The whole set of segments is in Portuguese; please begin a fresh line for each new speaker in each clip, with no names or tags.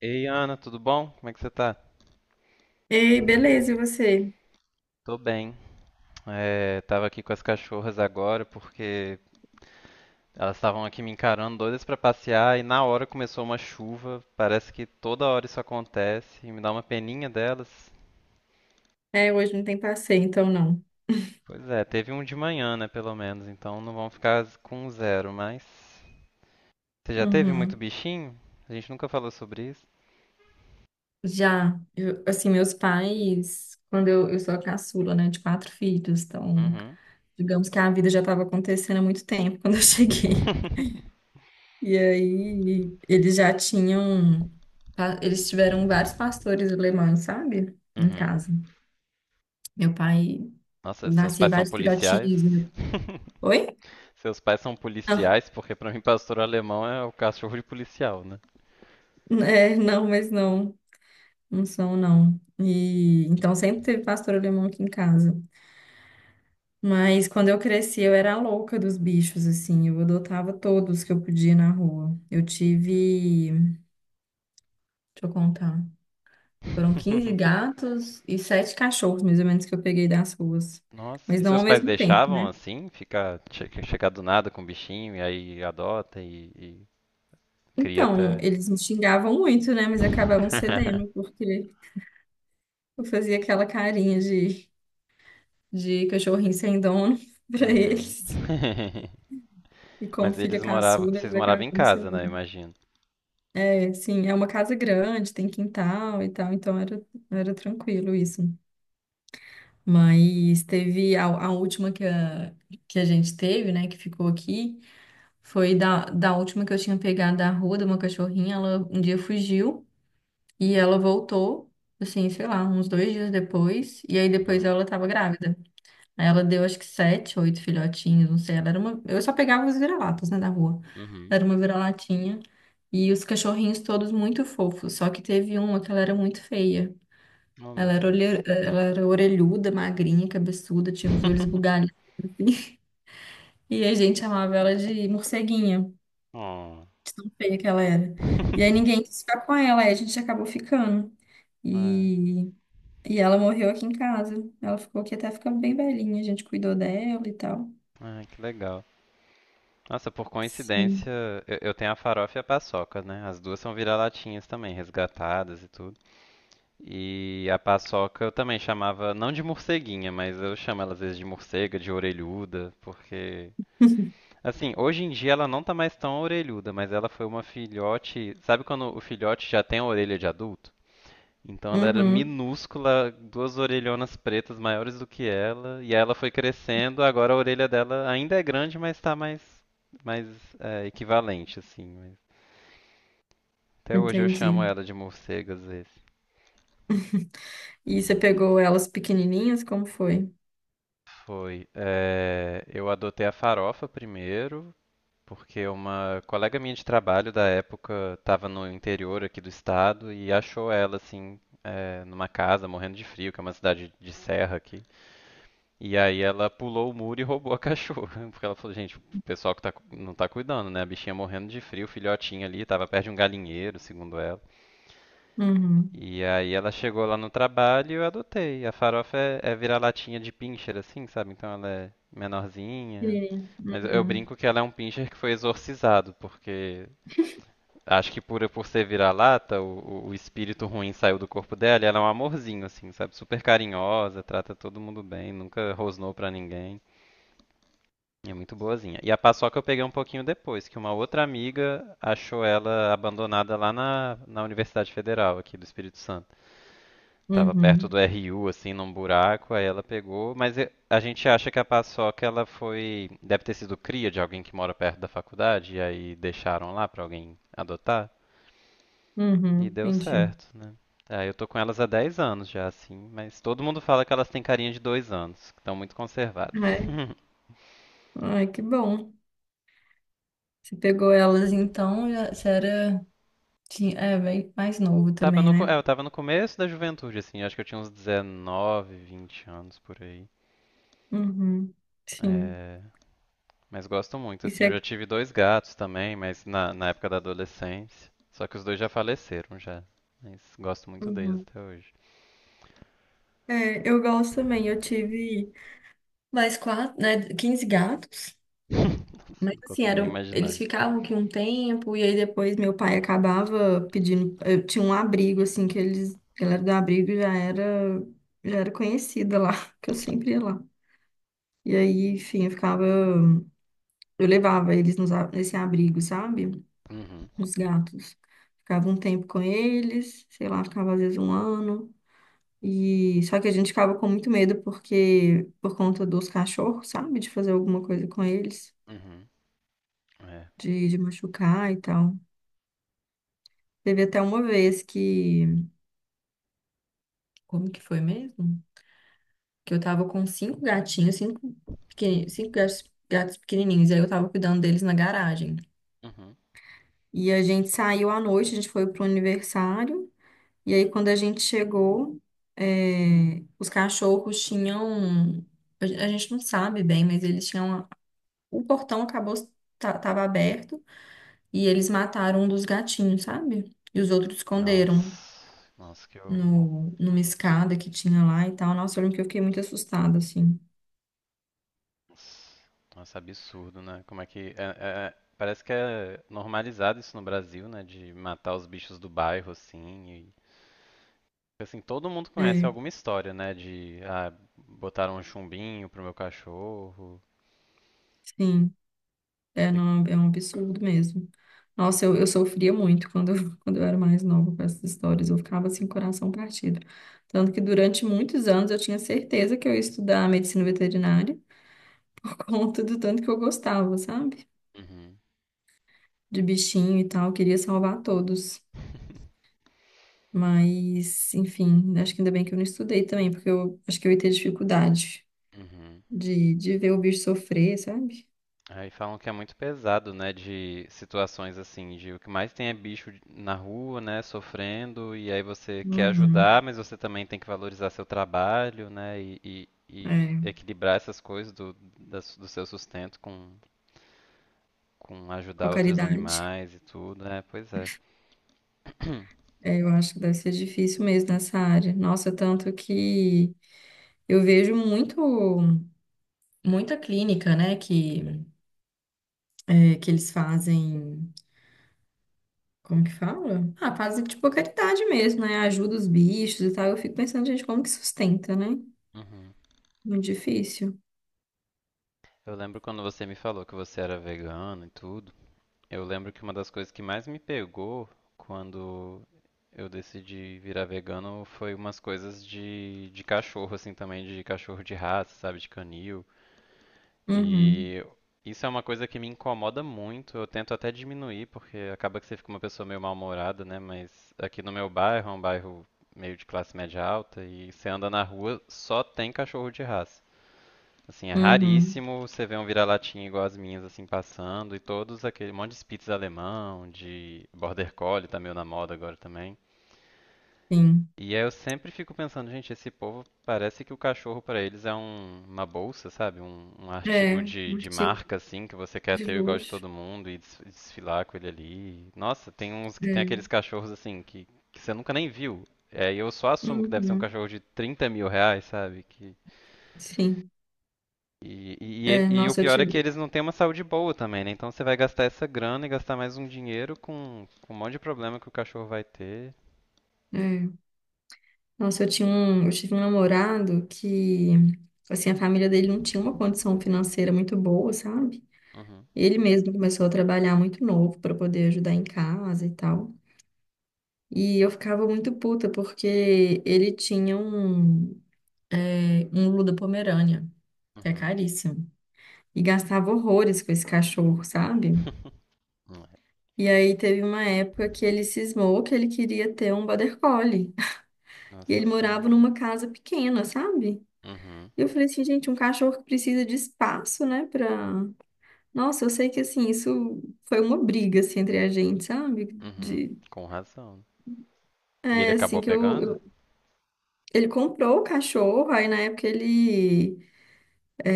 Ei, Ana, tudo bom? Como é que você tá?
Ei, beleza, e você?
Tô bem. Tava aqui com as cachorras agora porque elas estavam aqui me encarando doidas pra passear e na hora começou uma chuva. Parece que toda hora isso acontece e me dá uma peninha delas.
É, hoje não tem passeio, então não.
Pois é, teve um de manhã, né, pelo menos, então não vão ficar com zero, mas você já teve muito
Uhum.
bichinho? A gente nunca falou sobre isso.
Já, assim, meus pais, quando eu sou a caçula, né, de quatro filhos, então,
Uhum.
digamos que a vida já estava acontecendo há muito tempo quando eu cheguei. E aí, eles já tinham, eles tiveram vários pastores alemães, sabe? Em
Uhum.
casa. Meu pai
Nossa, seus
nascia
pais são
vários
policiais?
filhotinhos. Meu... Oi?
Seus pais são policiais, porque pra mim pastor alemão é o cachorro de policial, né?
Não, é, não, mas não. Não são, não. E então sempre teve pastor alemão aqui em casa. Mas quando eu cresci, eu era a louca dos bichos, assim. Eu adotava todos que eu podia na rua. Eu tive, deixa eu contar, foram 15 gatos e sete cachorros, mais ou menos, que eu peguei das ruas.
Nossa,
Mas
e
não
seus
ao
pais
mesmo tempo,
deixavam
né?
assim, ficar, chegar do nada com o bichinho e aí adota e cria
Então,
até.
eles me xingavam muito, né? Mas acabavam cedendo, porque eu fazia aquela carinha de cachorrinho sem dono pra
Uhum.
eles. E como
Mas
filha
eles moravam,
caçula,
vocês
eles
moravam em
acabavam
casa, né?
cedendo.
Imagino.
Sim, é uma casa grande, tem quintal e tal, então era tranquilo isso. Mas teve a última que a gente teve, né, que ficou aqui, foi da última que eu tinha pegado da rua, de uma cachorrinha, ela um dia fugiu e ela voltou, assim, sei lá, uns 2 dias depois, e aí depois
Uhum.
ela tava grávida. Aí ela deu acho que sete, oito filhotinhos, não sei. Ela era uma. Eu só pegava os vira-latas, né, da rua.
Uhum.
Ela era uma vira-latinha. E os cachorrinhos todos muito fofos. Só que teve uma que ela era muito feia.
Oh, meu
Ela era, olhe,
Deus.
ela era orelhuda, magrinha, cabeçuda, tinha os olhos bugalhados, assim. E a gente chamava ela de morceguinha,
Oh.
de tão feia que ela era. E aí ninguém quis ficar com ela, aí a gente acabou ficando.
Ai,
E, e ela morreu aqui em casa. Ela ficou aqui até ficar bem velhinha, a gente cuidou dela e tal.
ai, que legal. Nossa, por
Sim.
coincidência, eu tenho a farofa e a paçoca, né? As duas são vira-latinhas também, resgatadas e tudo. E a paçoca eu também chamava, não de morceguinha, mas eu chamo ela às vezes de morcega, de orelhuda, porque. Assim, hoje em dia ela não tá mais tão orelhuda, mas ela foi uma filhote. Sabe quando o filhote já tem a orelha de adulto? Então ela era
Uhum,
minúscula, duas orelhonas pretas maiores do que ela, e aí ela foi crescendo, agora a orelha dela ainda é grande, mas tá mais, mas é equivalente, assim. Até hoje eu
entendi.
chamo ela de morcega às vezes.
E você pegou elas pequenininhas? Como foi?
Foi. Eu adotei a farofa primeiro, porque uma colega minha de trabalho da época estava no interior aqui do estado e achou ela, assim, é, numa casa, morrendo de frio, que é uma cidade de serra aqui. E aí ela pulou o muro e roubou a cachorra. Porque ela falou, gente, o pessoal que tá, não tá cuidando, né? A bichinha morrendo de frio, o filhotinho ali, tava perto de um galinheiro, segundo ela.
Uhum.
E aí ela chegou lá no trabalho e eu adotei. A farofa é, vira-latinha de pincher, assim, sabe? Então ela é menorzinha.
Pequenininha.
Mas eu
Uhum,
brinco que ela é um pincher que foi exorcizado, porque acho que por ser vira-lata, o espírito ruim saiu do corpo dela e ela é um amorzinho, assim, sabe? Super carinhosa, trata todo mundo bem, nunca rosnou pra ninguém. É muito boazinha. E a paçoca eu peguei um pouquinho depois, que uma outra amiga achou ela abandonada lá na Universidade Federal aqui do Espírito Santo. Tava perto
uhum,
do RU, assim, num buraco, aí ela pegou, mas a gente acha que a paçoca ela foi, deve ter sido cria de alguém que mora perto da faculdade, e aí deixaram lá pra alguém adotar, e
uhum,
deu
entendi.
certo, né? Aí eu tô com elas há 10 anos já, assim, mas todo mundo fala que elas têm carinha de 2 anos, que estão muito conservadas.
Ai, ai, que bom. Você pegou elas então, você era tinha, é, bem mais novo
Tava
também,
no, co-
né?
é, eu tava no começo da juventude, assim, acho que eu tinha uns 19, 20 anos por aí.
Uhum, sim.
É, mas gosto muito, assim.
Isso
Eu
é.
já tive dois gatos também, mas na época da adolescência. Só que os dois já faleceram já. Mas gosto muito deles
Uhum.
até hoje.
É, eu gosto também. Eu tive mais quatro, né? 15 gatos.
Nossa,
Mas
não
assim,
consigo nem
eram,
imaginar
eles
isso.
ficavam aqui um tempo, e aí depois meu pai acabava pedindo. Eu tinha um abrigo, assim, que eles. A galera do abrigo já era conhecida lá, que eu sempre ia lá. E aí, enfim, eu ficava. Eu levava eles nesse abrigo, sabe?
Uhum,
Os gatos. Ficava um tempo com eles, sei lá, ficava às vezes um ano. E só que a gente ficava com muito medo porque por conta dos cachorros, sabe? De fazer alguma coisa com eles,
uhum, é.
de machucar e tal. Teve até uma vez que. Como que foi mesmo? Que eu tava com cinco gatinhos, cinco gatos, pequenininhos, e aí eu tava cuidando deles na garagem.
Uhum.
E a gente saiu à noite, a gente foi pro aniversário, e aí quando a gente chegou, é, os cachorros tinham. A gente não sabe bem, mas eles tinham. O portão acabou, tava aberto, e eles mataram um dos gatinhos, sabe? E os outros esconderam
Nossa, nossa, que horror.
no, numa escada que tinha lá e tal. Nossa, eu lembro que eu fiquei muito assustada, assim.
Nossa, nossa, absurdo, né? Como é que. Parece que é normalizado isso no Brasil, né? De matar os bichos do bairro, assim. E, assim, todo mundo conhece
É,
alguma história, né? De. Ah, botaram um chumbinho pro meu cachorro.
sim, é, não, é um absurdo mesmo. Nossa, eu sofria muito quando eu era mais nova com essas histórias. Eu ficava assim, coração partido. Tanto que durante muitos anos eu tinha certeza que eu ia estudar medicina veterinária por conta do tanto que eu gostava, sabe?
Uhum.
De bichinho e tal, eu queria salvar todos. Mas, enfim, acho que ainda bem que eu não estudei também, porque eu acho que eu ia ter dificuldade,
Uhum.
de ver o bicho sofrer, sabe?
Aí falam que é muito pesado, né, de situações assim, de o que mais tem é bicho na rua, né, sofrendo, e aí você quer
Uhum.
ajudar, mas você também tem que valorizar seu trabalho, né, e
É,
equilibrar essas coisas do, da do seu sustento com
com a
ajudar outros
caridade.
animais e tudo, né, pois é.
É, eu acho que deve ser difícil mesmo nessa área. Nossa, tanto que eu vejo muito, muita clínica, né, que eles fazem. Como que fala? Ah, fazem tipo a caridade mesmo, né? Ajuda os bichos e tal. Eu fico pensando, gente, como que sustenta, né?
Uhum.
Muito difícil.
Eu lembro quando você me falou que você era vegano e tudo. Eu lembro que uma das coisas que mais me pegou quando eu decidi virar vegano foi umas coisas de, cachorro, assim, também, de cachorro de raça, sabe, de canil.
Uhum,
E isso é uma coisa que me incomoda muito. Eu tento até diminuir, porque acaba que você fica uma pessoa meio mal-humorada, né? Mas aqui no meu bairro, é um bairro meio de classe média alta, e você anda na rua, só tem cachorro de raça. Assim, é
uhum,
raríssimo você ver um vira-latinha igual as minhas, assim, passando, e todos aquele um monte de Spitz alemão, de Border Collie, tá meio na moda agora também.
sim.
E aí eu sempre fico pensando, gente, esse povo parece que o cachorro pra eles é uma bolsa, sabe? Um
É,
artigo de,
um artigo
marca, assim, que você quer
de
ter igual de
luxo.
todo mundo e desfilar com ele ali. Nossa, tem uns que tem aqueles
É,
cachorros, assim, que você nunca nem viu. É, e eu só assumo que deve ser um
uhum,
cachorro de 30.000 reais, sabe? Que
sim. É,
O
nossa, eu
pior é que
tive.
eles não têm uma saúde boa também, né? Então você vai gastar essa grana e gastar mais um dinheiro com um monte de problema que o cachorro vai ter.
É. Nossa, eu tive um namorado que, assim, a família dele não tinha uma condição financeira muito boa, sabe?
Uhum,
Ele mesmo começou a trabalhar muito novo para poder ajudar em casa e tal. E eu ficava muito puta porque ele tinha um Lula Pomerânia, que é
uhum.
caríssimo, e gastava horrores com esse cachorro, sabe? E aí teve uma época que ele cismou que ele queria ter um Border Collie. E
Nossa
ele
senhora.
morava numa casa pequena, sabe?
Uhum,
Eu falei assim, gente, um cachorro que precisa de espaço, né, pra. Nossa, eu sei que, assim, isso foi uma briga, assim, entre a gente, sabe?
uhum.
De.
Com razão. E ele
É, assim,
acabou
que eu.
pegando?
Ele comprou o cachorro, aí na época ele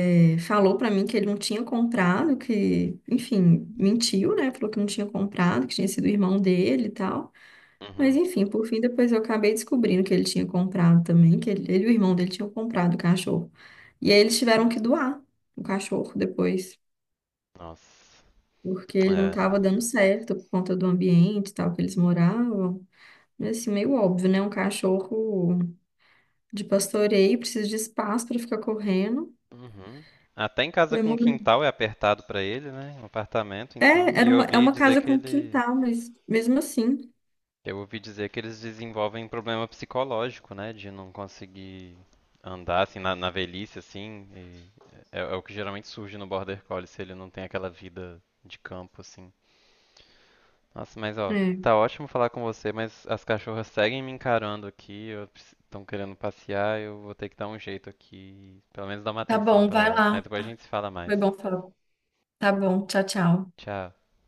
falou pra mim que ele não tinha comprado, que, enfim, mentiu, né? Falou que não tinha comprado, que tinha sido o irmão dele e tal. Mas,
Uhum.
enfim, por fim, depois eu acabei descobrindo que ele tinha comprado também, que ele e o irmão dele tinham comprado o cachorro. E aí eles tiveram que doar o cachorro depois.
Nossa.
Porque ele não
É.
estava dando certo por conta do ambiente e tal que eles moravam. Mas assim, meio óbvio, né? Um cachorro de pastoreio precisa de espaço para ficar correndo.
Uhum. Até em casa
Foi
com
morar-
quintal é apertado pra ele, né? Um apartamento,
É,
então. E
era
eu
uma, é
ouvi
uma
dizer
casa
que
com
ele.
quintal, mas mesmo assim.
Eu ouvi dizer que eles desenvolvem problema psicológico, né? De não conseguir andar assim na, na velhice, assim. E é o que geralmente surge no Border Collie se ele não tem aquela vida de campo, assim. Nossa, mas ó,
É.
tá ótimo falar com você, mas as cachorras seguem me encarando aqui, estão querendo passear, eu vou ter que dar um jeito aqui, pelo menos dar uma
Tá
atenção
bom,
pra
vai
elas. Mas
lá.
depois a gente se fala mais.
Foi bom falar. Tá bom, tchau, tchau.
Tchau.